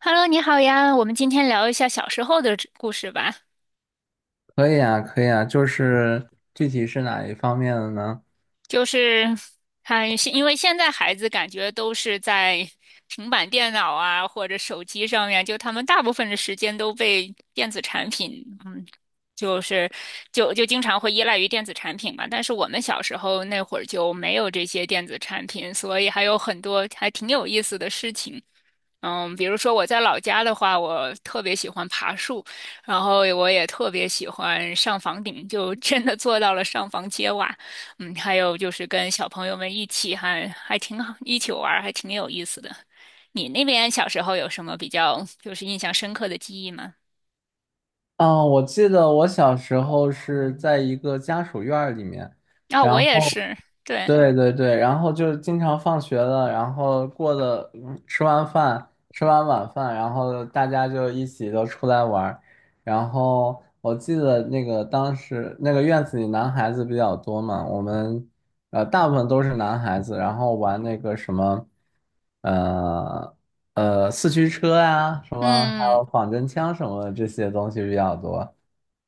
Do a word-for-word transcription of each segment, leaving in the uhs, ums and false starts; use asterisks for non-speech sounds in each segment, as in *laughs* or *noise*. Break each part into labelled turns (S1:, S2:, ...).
S1: Hello，你好呀，我们今天聊一下小时候的这故事吧。
S2: 可以啊，可以啊，就是具体是哪一方面的呢？
S1: 就是还现因为现在孩子感觉都是在平板电脑啊或者手机上面，就他们大部分的时间都被电子产品，嗯，就是就就经常会依赖于电子产品嘛。但是我们小时候那会儿就没有这些电子产品，所以还有很多还挺有意思的事情。嗯，比如说我在老家的话，我特别喜欢爬树，然后我也特别喜欢上房顶，就真的做到了上房揭瓦。嗯，还有就是跟小朋友们一起还还挺好，一起玩儿还挺有意思的。你那边小时候有什么比较就是印象深刻的记忆吗？
S2: 嗯，我记得我小时候是在一个家属院儿里面，
S1: 啊、我
S2: 然
S1: 也
S2: 后
S1: 是，对，
S2: 对对对，然后就是经常放学了，然后过的，嗯吃完饭，吃完晚饭，然后大家就一起都出来玩儿。然后我记得那个当时那个院子里男孩子比较多嘛，我们呃大部分都是男孩子，然后玩那个什么，呃呃四驱车呀，什么还有
S1: 嗯，
S2: 仿真枪什么的这些东西比较多。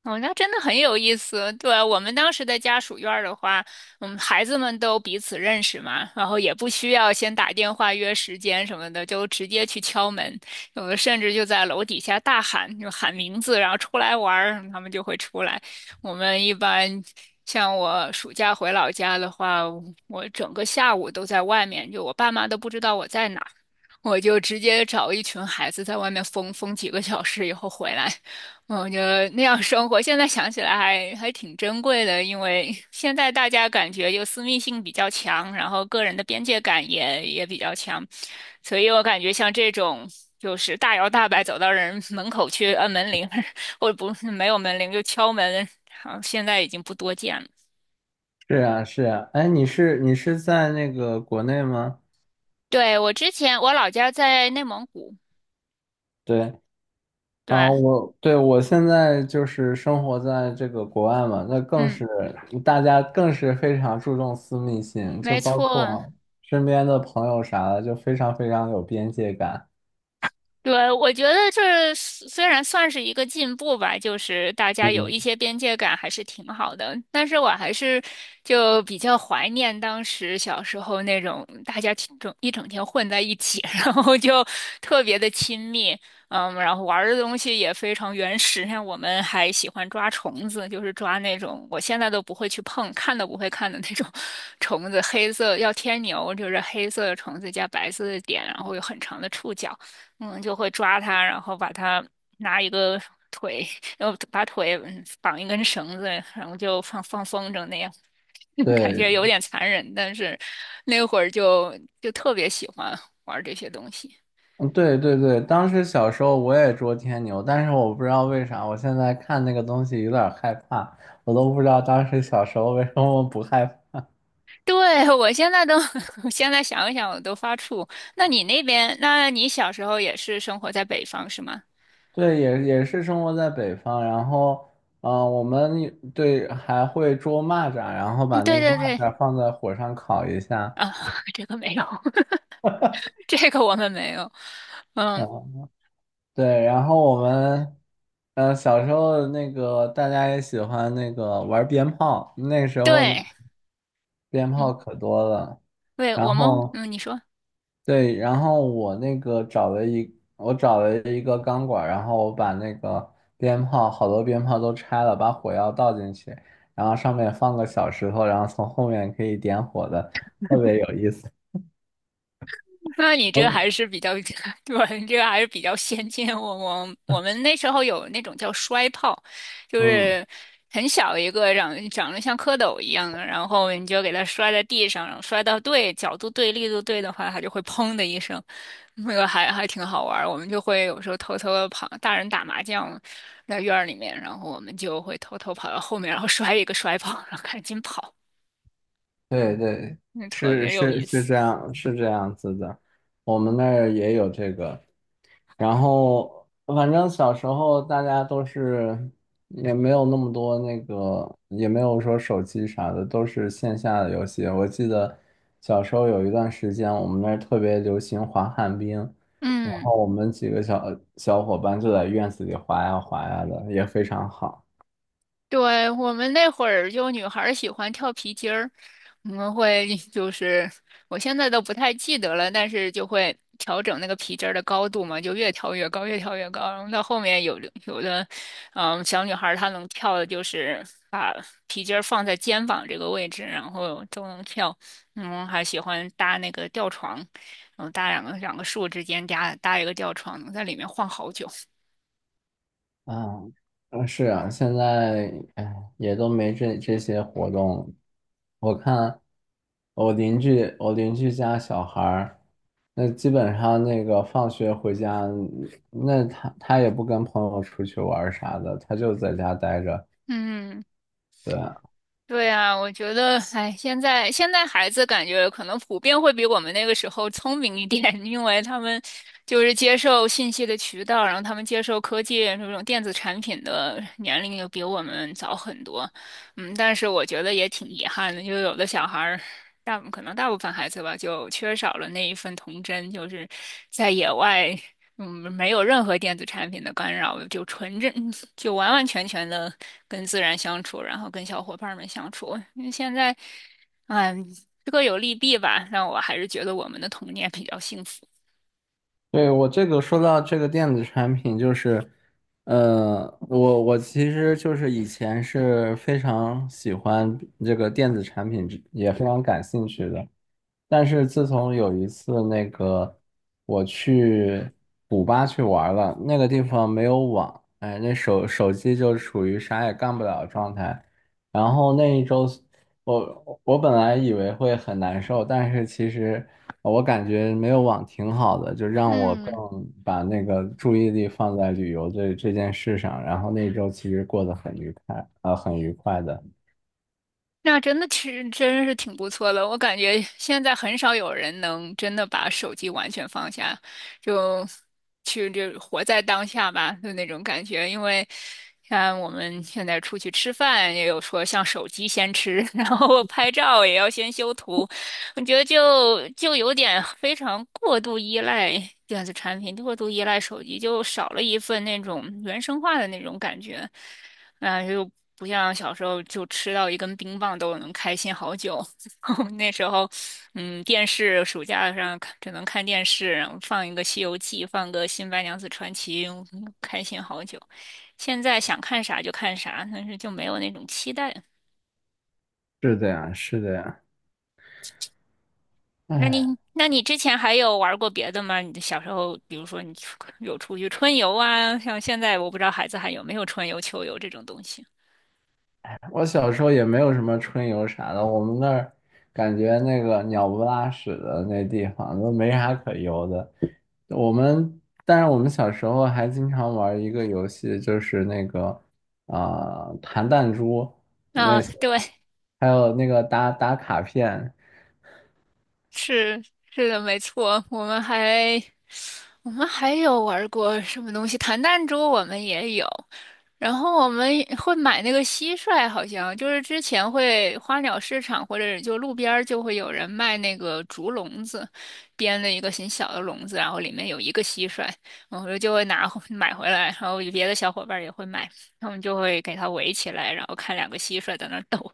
S1: 哦，那真的很有意思。对啊，我们当时的家属院儿的话，嗯，孩子们都彼此认识嘛，然后也不需要先打电话约时间什么的，就直接去敲门，有的甚至就在楼底下大喊，就喊名字，然后出来玩儿，他们就会出来。我们一般像我暑假回老家的话，我整个下午都在外面，就我爸妈都不知道我在哪。我就直接找一群孩子在外面疯疯几个小时以后回来，嗯我觉得那样生活，现在想起来还还挺珍贵的，因为现在大家感觉就私密性比较强，然后个人的边界感也也比较强，所以我感觉像这种就是大摇大摆走到人门口去按门铃，*laughs* 或者不是没有门铃就敲门，好像现在已经不多见了。
S2: 是啊是啊，哎，你是你是在那个国内吗？
S1: 对，我之前我老家在内蒙古，
S2: 对。啊，
S1: 对，
S2: 我对我现在就是生活在这个国外嘛，那更
S1: 嗯，
S2: 是大家更是非常注重私密性，就
S1: 没
S2: 包
S1: 错。
S2: 括身边的朋友啥的，就非常非常有边界感。
S1: 对，我觉得这虽虽然算是一个进步吧，就是大家有
S2: 嗯，
S1: 一些边界感还是挺好的。但是我还是就比较怀念当时小时候那种大家整整一整天混在一起，*laughs* 然后就特别的亲密，嗯，然后玩的东西也非常原始。像我们还喜欢抓虫子，就是抓那种我现在都不会去碰，看都不会看的那种 *laughs* 虫子，黑色要天牛，就是黑色的虫子加白色的点，然后有很长的触角。嗯，就会抓它，然后把它拿一个腿，然后把腿嗯绑一根绳子，然后就放放风筝那样，*laughs* 感
S2: 对，
S1: 觉有点残忍，但是那会儿就就特别喜欢玩这些东西。
S2: 嗯对对对，当时小时候我也捉天牛，但是我不知道为啥，我现在看那个东西有点害怕，我都不知道当时小时候为什么不害怕。
S1: 对，我现在都，*laughs* 我现在想一想我都发怵。那你那边，那你小时候也是生活在北方是吗？
S2: 对，也也是生活在北方，然后，嗯、我们也对还会捉蚂蚱，然后
S1: 嗯，
S2: 把那
S1: 对
S2: 个
S1: 对
S2: 蚂
S1: 对，
S2: 蚱放在火上烤一下，
S1: 啊，*laughs* 这个没有，*laughs* 这个我们没有。嗯，
S2: 嗯，对，然后我们，呃，小时候那个大家也喜欢那个玩鞭炮，那时候那
S1: 对，
S2: 鞭炮
S1: 嗯，
S2: 可多了，
S1: 对，
S2: 然
S1: 我们，
S2: 后
S1: 嗯，你说。
S2: 对，然后我那个找了一，我找了一个钢管，然后我把那个鞭炮，好多鞭炮都拆了，把火药倒进去，然后上面放个小石头，然后从后面可以点火的，特别有意思。
S1: *laughs* 那你这
S2: 我
S1: 还是比较，*laughs* 对，你这个还是比较先进。我我我们那时候有那种叫摔炮，就
S2: 嗯，嗯
S1: 是很小一个长长得像蝌蚪一样的，然后你就给它摔在地上，然后摔到对角度对力度对的话，它就会砰的一声，那个还还挺好玩儿。我们就会有时候偷偷的跑，大人打麻将在院儿里面，然后我们就会偷偷跑到后面，然后摔一个摔炮，然后赶紧跑，
S2: 对对，
S1: 那特
S2: 是
S1: 别有
S2: 是
S1: 意
S2: 是
S1: 思。
S2: 这样，是这样子的，我们那儿也有这个。然后反正小时候大家都是也没有那么多那个，也没有说手机啥的，都是线下的游戏。我记得小时候有一段时间，我们那儿特别流行滑旱冰，然
S1: 嗯。
S2: 后我们几个小小伙伴就在院子里滑呀滑呀的，也非常好。
S1: 对，我们那会儿就女孩儿喜欢跳皮筋儿，我们会 *laughs* 就是我现在都不太记得了，但是就会调整那个皮筋儿的高度嘛，就越跳越高，越跳越高。然后到后面有的有的，嗯，小女孩儿她能跳的就是把皮筋儿放在肩膀这个位置，然后都能跳。嗯，还喜欢搭那个吊床，然后搭两个两个树之间搭搭一个吊床，能在里面晃好久。
S2: 啊，嗯是啊，现在哎也都没这这些活动了我看我邻居，我邻居家小孩儿，那基本上那个放学回家，那他他也不跟朋友出去玩儿啥的，他就在家待着。
S1: 嗯。
S2: 对，啊，
S1: 对啊，我觉得，哎，现在现在孩子感觉可能普遍会比我们那个时候聪明一点，*laughs* 因为他们就是接受信息的渠道，然后他们接受科技这种电子产品的年龄又比我们早很多。嗯，但是我觉得也挺遗憾的，就有的小孩儿，大可能大部分孩子吧，就缺少了那一份童真，就是在野外，嗯，没有任何电子产品的干扰，就纯真，*laughs* 就完完全全的。跟自然相处，然后跟小伙伴们相处。因为现在，嗯，各有利弊吧，让我还是觉得我们的童年比较幸福。
S2: 对，我这个说到这个电子产品，就是，呃，我我其实就是以前是非常喜欢这个电子产品之也非常感兴趣的。但是自从有一次那个我去古巴去玩了，那个地方没有网，哎，那手手机就处于啥也干不了的状态。然后那一周，我我本来以为会很难受，但是其实我感觉没有网挺好的，就让我更
S1: 嗯，
S2: 把那个注意力放在旅游这这件事上。然后那一周其实过得很愉快，啊、很愉快的。
S1: 那真的其实真是挺不错的，我感觉现在很少有人能真的把手机完全放下，就去就活在当下吧，就那种感觉。因为像我们现在出去吃饭，也有说像手机先吃，*laughs* 然后拍照也要先修图，我觉得就就有点非常过度依赖电子产品，过度依赖手机，就少了一份那种原生化的那种感觉。嗯，就不像小时候就吃到一根冰棒都能开心好久。*laughs* 那时候，嗯，电视暑假上看只能看电视，然后放一个《西游记》，放个《新白娘子传奇》，嗯开心好久。现在想看啥就看啥，但是就没有那种期待。
S2: 是的呀，是的呀，
S1: 那你，
S2: 唉
S1: 那你之前还有玩过别的吗？你的小时候，比如说你出有出去春游啊，像现在我不知道孩子还有没有春游、秋游这种东西。
S2: 我小时候也没有什么春游啥的，我们那儿感觉那个鸟不拉屎的那地方都没啥可游的。我们，但是我们小时候还经常玩一个游戏，就是那个啊、呃弹弹珠
S1: 啊，
S2: 那些，
S1: 对，
S2: 还有那个打打卡片，
S1: 是是的，没错，我们还。我们还有玩过什么东西？弹弹珠我们也有，然后我们也会买那个蟋蟀，好像就是之前会花鸟市场或者就路边儿就会有人卖那个竹笼子，编的一个很小的笼子，然后里面有一个蟋蟀，我们就会拿回买回来，然后别的小伙伴儿也会买，他们就会给它围起来，然后看两个蟋蟀在那儿斗。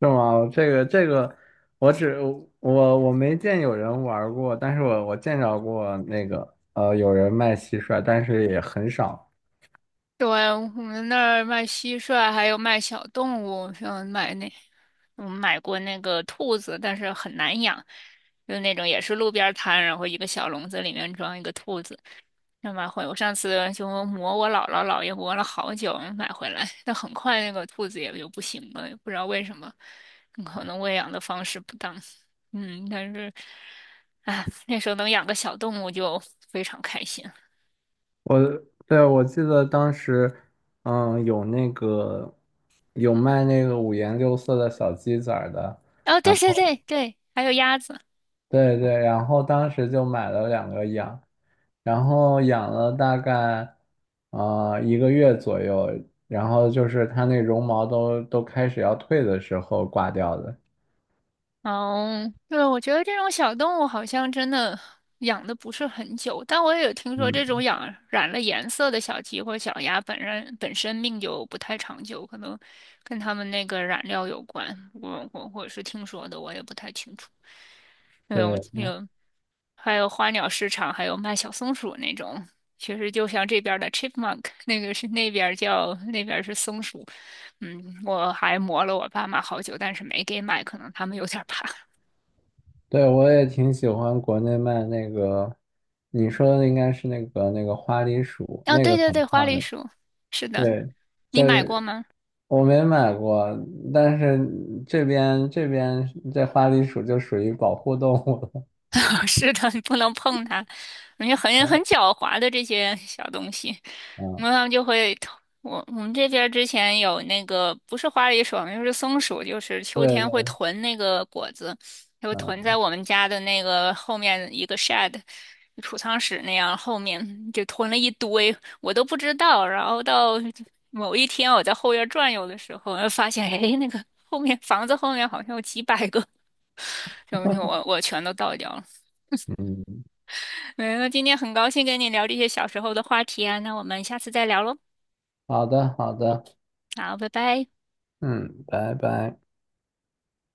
S2: 是吗？这个这个，我只我我没见有人玩过，但是我我见着过那个呃有人卖蟋蟀，但是也很少。
S1: 对，我们那儿卖蟋蟀，还有卖小动物，像买那，我们买过那个兔子，但是很难养，就那种也是路边儿摊，然后一个小笼子里面装一个兔子，那买回我上次就磨我姥姥姥爷磨了好久买回来，但很快那个兔子也就不行了，也不知道为什么，可能喂养的方式不当，嗯，但是，哎，那时候能养个小动物就非常开心。
S2: 对，我记得当时，嗯，有那个有卖那个五颜六色的小鸡仔儿的，
S1: 哦，对
S2: 然
S1: 对
S2: 后
S1: 对对，还有鸭子。
S2: 对对，然后当时就买了两个养，然后养了大概呃一个月左右，然后就是它那绒毛都都开始要退的时候挂掉的。
S1: 哦，对，我觉得这种小动物好像真的养的不是很久，但我也有听说这
S2: 嗯，
S1: 种养染了颜色的小鸡或小鸭本身本身命就不太长久，可能跟它们那个染料有关。我我我是听说的，我也不太清楚。那种
S2: 对
S1: 有还有花鸟市场，还有卖小松鼠那种，其实就像这边儿的 chipmunk，那个是那边儿叫那边儿是松鼠。嗯，我还磨了我爸妈好久，但是没给买，可能他们有点儿怕。
S2: 对，我也挺喜欢国内卖那个，你说的应该是那个那个花栗鼠，
S1: 哦，
S2: 那
S1: 对
S2: 个
S1: 对
S2: 很
S1: 对，花
S2: 漂
S1: 栗
S2: 亮。
S1: 鼠，是的，
S2: 对，
S1: 你
S2: 这
S1: 买过吗？
S2: 我没买过，但是这边这边这花栗鼠就属于保护动物了
S1: *laughs* 是的，你不能碰它，因为很很
S2: *laughs*。
S1: 狡猾的这些小东西。
S2: 嗯，
S1: 然后他们就会我我们这边儿之前有那个不是花梨鼠，就是松鼠，就是秋
S2: 对
S1: 天会
S2: 对，
S1: 囤那个果子，就囤
S2: 嗯
S1: 在我们家的那个后面一个 shed 储藏室那样后面，就囤了一堆，我都不知道。然后到某一天我在后院转悠的时候，发现哎，那个后面房子后面好像有几百个，然后就我我全都倒掉了。
S2: 嗯，
S1: 嗯，那今天很高兴跟你聊这些小时候的话题啊，那我们下次再聊喽。
S2: 好的好的，
S1: 好，拜拜。
S2: 嗯，拜拜。